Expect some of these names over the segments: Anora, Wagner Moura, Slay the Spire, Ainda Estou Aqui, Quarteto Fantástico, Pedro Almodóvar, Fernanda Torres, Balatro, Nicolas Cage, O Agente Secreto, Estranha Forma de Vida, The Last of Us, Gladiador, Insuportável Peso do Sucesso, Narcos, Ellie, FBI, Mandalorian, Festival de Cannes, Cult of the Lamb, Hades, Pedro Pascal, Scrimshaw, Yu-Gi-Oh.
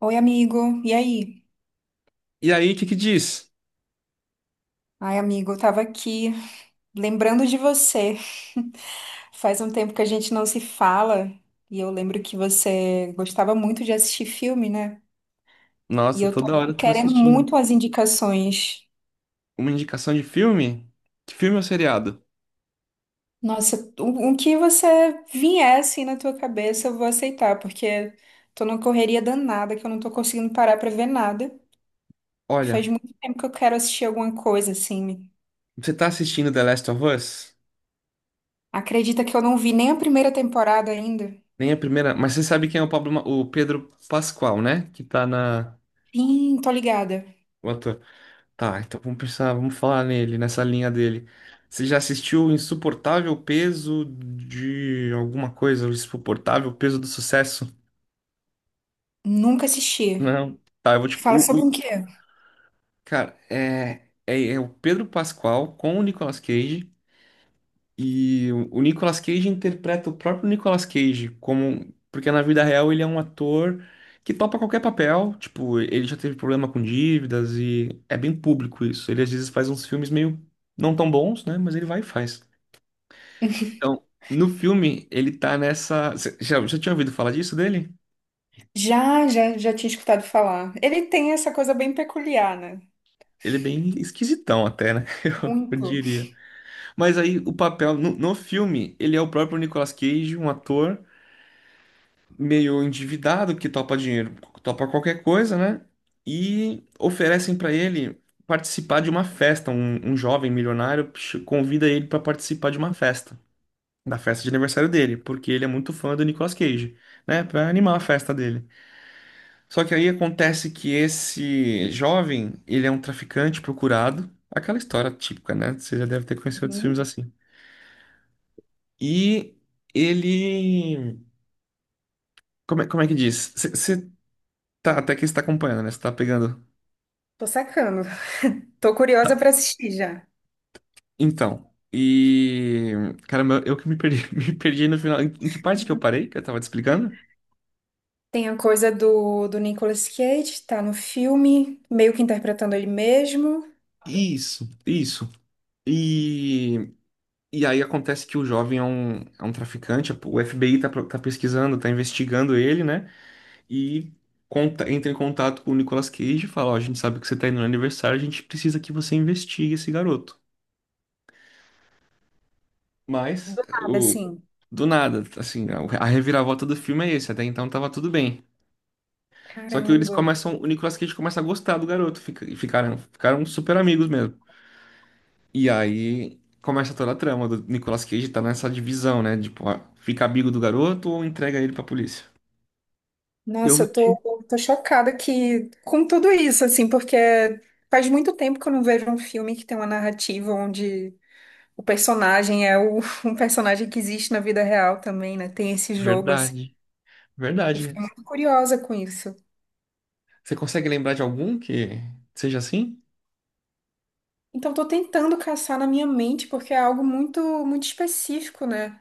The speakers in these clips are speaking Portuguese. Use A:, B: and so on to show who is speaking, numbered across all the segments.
A: Oi, amigo. E aí?
B: E aí, o que que diz?
A: Ai, amigo, eu tava aqui lembrando de você. Faz um tempo que a gente não se fala e eu lembro que você gostava muito de assistir filme, né? E
B: Nossa,
A: eu tô
B: toda hora tu...
A: querendo muito as indicações.
B: uma indicação de filme? Que filme ou seriado?
A: Nossa, o que você vier assim na tua cabeça, eu vou aceitar, porque tô numa correria danada que eu não tô conseguindo parar pra ver nada. E faz
B: Olha,
A: muito tempo que eu quero assistir alguma coisa assim.
B: você tá assistindo The Last of Us?
A: Acredita que eu não vi nem a primeira temporada ainda?
B: Nem a primeira, mas você sabe quem é o Pablo, Ma- o Pedro Pascal, né? Que tá na
A: Sim, tô ligada.
B: o ator. Tá, então vamos pensar, vamos falar nele, nessa linha dele. Você já assistiu o Insuportável Peso de alguma coisa? O Insuportável Peso do Sucesso?
A: Nunca assisti.
B: Não. Tá, eu vou te.
A: Fala sobre o
B: O-
A: quê?
B: Cara, é o Pedro Pascal com o Nicolas Cage. E o Nicolas Cage interpreta o próprio Nicolas Cage como, porque na vida real ele é um ator que topa qualquer papel, tipo, ele já teve problema com dívidas e é bem público isso. Ele às vezes faz uns filmes meio não tão bons, né, mas ele vai e faz. Então, no filme ele tá nessa. Você já tinha ouvido falar disso dele?
A: Já tinha escutado falar. Ele tem essa coisa bem peculiar, né?
B: Ele é bem esquisitão até, né? Eu
A: Muito.
B: diria. Mas aí o papel no, no filme, ele é o próprio Nicolas Cage, um ator meio endividado que topa dinheiro, topa qualquer coisa, né? E oferecem para ele participar de uma festa. Um jovem milionário ch- convida ele para participar de uma festa, da festa de aniversário dele, porque ele é muito fã do Nicolas Cage, né? Para animar a festa dele. Só que aí acontece que esse jovem, ele é um traficante procurado, aquela história típica, né? Você já deve ter conhecido outros filmes
A: Uhum.
B: assim. E ele, como é que diz? Você tá, até que está acompanhando, né? Você tá pegando.
A: Tô sacando. Tô
B: Tá,
A: curiosa pra assistir já.
B: então, e. Caramba, eu que me perdi, me perdi no final. Em que parte que eu parei que eu tava te explicando?
A: Tem a coisa do Nicolas Cage, tá no filme, meio que interpretando ele mesmo.
B: Isso, isso. E, e aí acontece que o jovem é um traficante, o FBI tá, pro- tá pesquisando, tá investigando ele, né? E conta- entra em contato com o Nicolas Cage e fala: Ó, a gente sabe que você tá indo no aniversário, a gente precisa que você investigue esse garoto. Mas,
A: Do nada,
B: o,
A: assim.
B: do nada, assim, a reviravolta do filme é esse. Até então tava tudo bem. Só que eles
A: Caramba.
B: começam, o Nicolas Cage começa a gostar do garoto, fica- e ficaram, ficaram super amigos mesmo. E aí começa toda a trama do Nicolas Cage tá nessa divisão, né? Tipo, ah, fica amigo do garoto ou entrega ele pra polícia? Eu
A: Nossa,
B: vou
A: eu
B: te.
A: tô, tô chocada que, com tudo isso, assim, porque faz muito tempo que eu não vejo um filme que tem uma narrativa onde o personagem é o, um personagem que existe na vida real também, né? Tem esse jogo, assim.
B: Verdade,
A: Eu
B: verdade.
A: fiquei muito curiosa com isso.
B: Você consegue lembrar de algum que seja assim?
A: Então, tô tentando caçar na minha mente, porque é algo muito específico, né?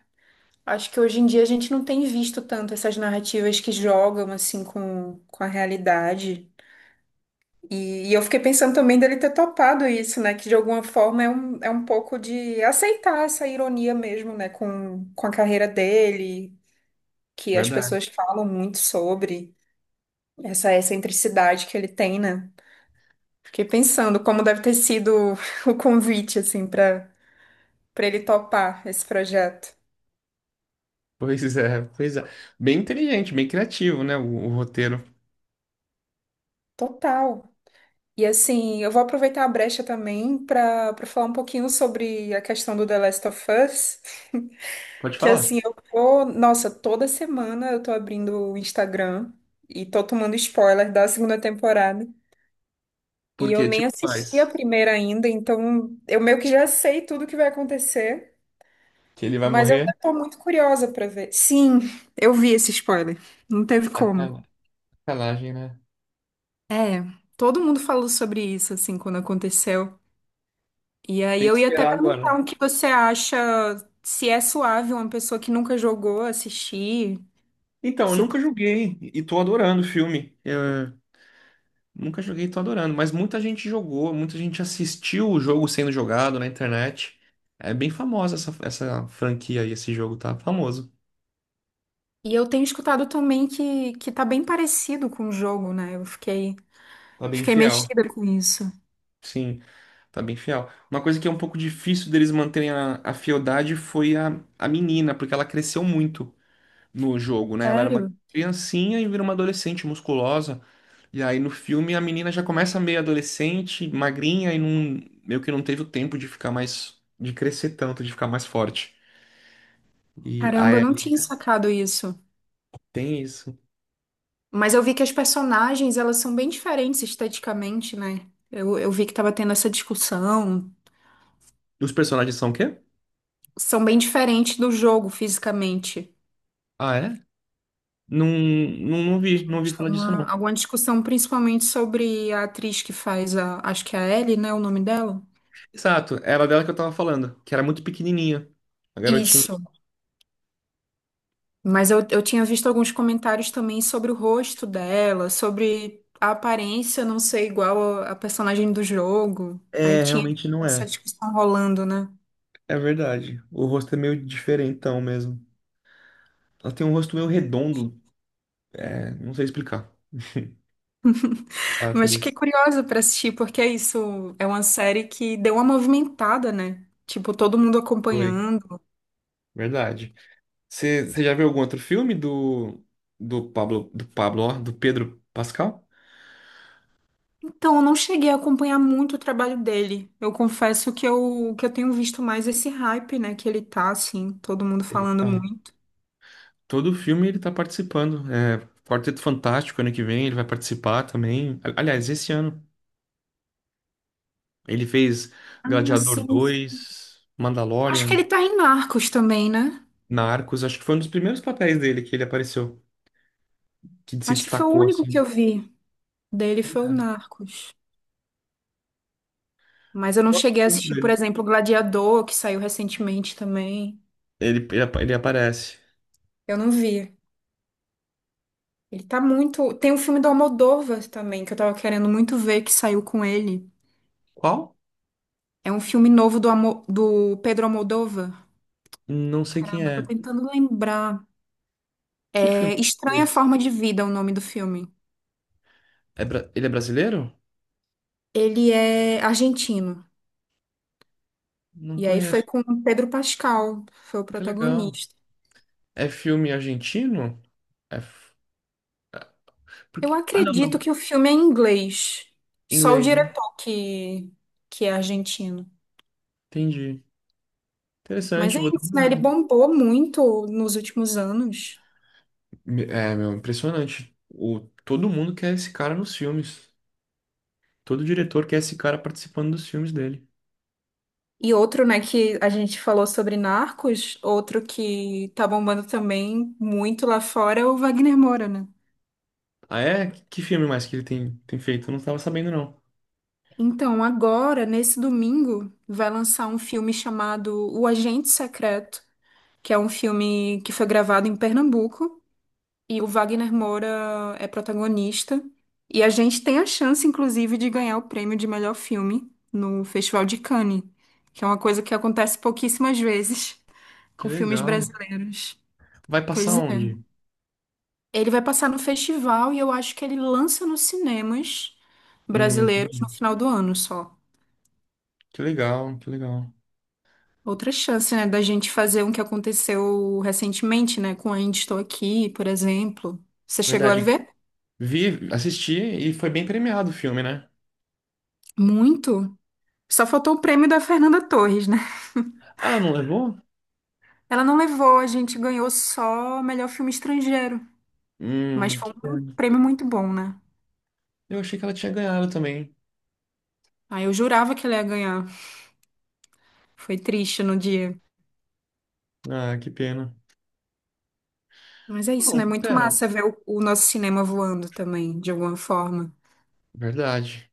A: Acho que hoje em dia a gente não tem visto tanto essas narrativas que jogam, assim, com a realidade. E eu fiquei pensando também dele ter topado isso, né? Que de alguma forma é um pouco de aceitar essa ironia mesmo, né? Com a carreira dele, que as
B: Verdade.
A: pessoas falam muito sobre. Essa excentricidade que ele tem, né? Fiquei pensando como deve ter sido o convite, assim, para ele topar esse projeto.
B: Pois é, pois é. Bem inteligente, bem criativo, né? O roteiro.
A: Total. E assim, eu vou aproveitar a brecha também para falar um pouquinho sobre a questão do The Last of Us,
B: Pode
A: que assim,
B: falar.
A: eu tô, nossa, toda semana eu tô abrindo o Instagram e tô tomando spoiler da segunda temporada. E eu
B: Porque,
A: nem
B: tipo,
A: assisti a
B: faz
A: primeira ainda, então eu meio que já sei tudo que vai acontecer.
B: que ele vai
A: Mas eu
B: morrer?
A: tô muito curiosa pra ver. Sim, eu vi esse spoiler. Não teve como.
B: Acala- Sacanagem, né?
A: Todo mundo falou sobre isso, assim, quando aconteceu. E aí
B: Tem que
A: eu ia até
B: esperar agora.
A: perguntar o que você acha, se é suave uma pessoa que nunca jogou assistir.
B: Então, eu
A: se-
B: nunca joguei e tô adorando o filme. Eu nunca joguei e tô adorando, mas muita gente jogou, muita gente assistiu o jogo sendo jogado na internet. É bem famosa essa, essa franquia aí, esse jogo tá famoso.
A: E eu tenho escutado também que tá bem parecido com o jogo, né?
B: Tá bem
A: Fiquei
B: fiel.
A: mexida com isso.
B: Sim, tá bem fiel. Uma coisa que é um pouco difícil deles manterem a fieldade foi a menina, porque ela cresceu muito. No jogo, né? Ela era uma
A: Sério?
B: criancinha e vira uma adolescente musculosa. E aí no filme a menina já começa meio adolescente, magrinha e não, meio que não teve o tempo de ficar mais, de crescer tanto, de ficar mais forte. E
A: Caramba,
B: aí
A: eu não
B: Ellie
A: tinha sacado isso.
B: tem isso.
A: Mas eu vi que as personagens, elas são bem diferentes esteticamente, né? Eu vi que tava tendo essa discussão.
B: Os personagens são o quê?
A: São bem diferentes do jogo fisicamente.
B: Ah, é? Não vi, não ouvi falar disso não.
A: Alguma discussão principalmente sobre a atriz que faz a, acho que é a Ellie, né, o nome dela?
B: Exato, era dela que eu tava falando, que era muito pequenininha, a garotinha.
A: Isso. Mas eu tinha visto alguns comentários também sobre o rosto dela, sobre a aparência não ser igual a personagem do jogo. Aí
B: É,
A: tinha
B: realmente não
A: essa
B: é.
A: discussão rolando, né?
B: É verdade. O rosto é meio diferentão mesmo. Ela tem um rosto meio redondo, é, não sei explicar. A
A: Mas fiquei
B: atriz.
A: curiosa pra assistir, porque é isso, é uma série que deu uma movimentada, né? Tipo, todo mundo
B: Foi,
A: acompanhando.
B: verdade. Você já viu algum outro filme do, do Pedro Pascal?
A: Então, eu não cheguei a acompanhar muito o trabalho dele. Eu confesso que eu tenho visto mais esse hype, né? Que ele tá, assim, todo mundo
B: Ele
A: falando
B: tá.
A: muito.
B: Todo filme ele tá participando. É, Quarteto Fantástico, ano que vem, ele vai participar também. A- Aliás, esse ano. Ele fez
A: Ah,
B: Gladiador
A: sim.
B: dois,
A: Acho que
B: Mandalorian,
A: ele tá em Narcos também, né?
B: Narcos. Acho que foi um dos primeiros papéis dele que ele apareceu, que se
A: Acho que foi o
B: destacou,
A: único que
B: assim.
A: eu vi dele
B: Pois
A: foi o
B: é.
A: Narcos. Mas eu não
B: Gosto
A: cheguei a
B: muito
A: assistir, por
B: dele.
A: exemplo, Gladiador, que saiu recentemente também.
B: Apa- ele aparece.
A: Eu não vi. Ele tá muito. Tem um filme do Almodóvar também, que eu tava querendo muito ver, que saiu com ele.
B: Qual?
A: É um filme novo do do Pedro Almodóvar.
B: Não sei quem
A: Caramba, tô
B: é.
A: tentando lembrar.
B: Que filme
A: É
B: que ele
A: Estranha
B: fez?
A: Forma de Vida, é o nome do filme.
B: É bra- Ele é brasileiro?
A: Ele é argentino.
B: Não
A: E aí foi
B: conheço.
A: com o Pedro Pascal, foi o
B: Que legal.
A: protagonista.
B: É filme argentino? É... f-
A: Eu
B: Porque... Ah, não, não.
A: acredito que o filme é em inglês. Só o
B: Inglês, né?
A: diretor que é argentino.
B: Entendi.
A: Mas
B: Interessante,
A: é
B: vou dar
A: isso,
B: uma
A: né? Ele
B: olhada.
A: bombou muito nos últimos anos.
B: Me- É, meu, impressionante. O... Todo mundo quer esse cara nos filmes. Todo diretor quer esse cara participando dos filmes dele.
A: E outro, né, que a gente falou sobre Narcos, outro que tá bombando também muito lá fora é o Wagner Moura, né?
B: Ah, é? Que filme mais que ele tem feito? Eu não tava sabendo, não.
A: Então, agora, nesse domingo, vai lançar um filme chamado O Agente Secreto, que é um filme que foi gravado em Pernambuco, e o Wagner Moura é protagonista. E a gente tem a chance, inclusive, de ganhar o prêmio de melhor filme no Festival de Cannes, que é uma coisa que acontece pouquíssimas vezes
B: Que
A: com filmes
B: legal.
A: brasileiros.
B: Vai passar
A: Pois é.
B: onde?
A: Ele vai passar no festival e eu acho que ele lança nos cinemas brasileiros
B: Entendi.
A: no final do ano só.
B: Que legal, que legal.
A: Outra chance, né, da gente fazer um que aconteceu recentemente, né, com Ainda Estou Aqui, por exemplo. Você chegou a
B: Verdade.
A: ver?
B: Vi, assisti e foi bem premiado o filme, né?
A: Muito. Só faltou o prêmio da Fernanda Torres, né?
B: Ah, não levou?
A: Ela não levou, a gente ganhou só melhor filme estrangeiro. Mas foi
B: Que
A: um
B: pena.
A: prêmio muito bom, né?
B: Eu achei que ela tinha ganhado também.
A: Aí eu jurava que ela ia ganhar. Foi triste no dia.
B: Ah, que pena.
A: Mas é isso,
B: Não,
A: né? Muito
B: pera.
A: massa ver o nosso cinema voando também, de alguma forma.
B: Verdade.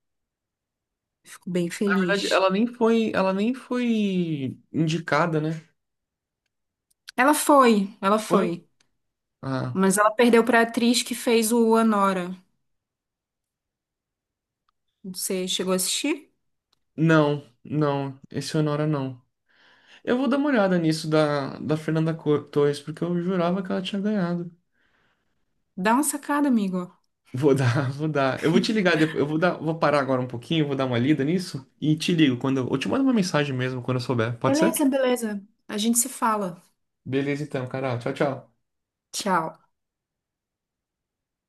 A: Fico bem
B: Na verdade,
A: feliz.
B: ela nem foi indicada, né?
A: Ela foi, ela
B: Foi?
A: foi.
B: Ah,
A: Mas ela perdeu pra atriz que fez o Anora. Você chegou a assistir?
B: não, não. Esse Honora não. Eu vou dar uma olhada nisso da Fernanda Co- Torres, porque eu jurava que ela tinha ganhado.
A: Dá uma sacada, amigo.
B: Vou dar, vou dar. Eu vou te ligar depois. Eu vou dar, vou parar agora um pouquinho, vou dar uma lida nisso e te ligo quando eu te mando uma mensagem mesmo quando eu souber. Pode ser?
A: Beleza, beleza. A gente se fala.
B: Beleza então, Carol. Tchau, tchau.
A: Tchau.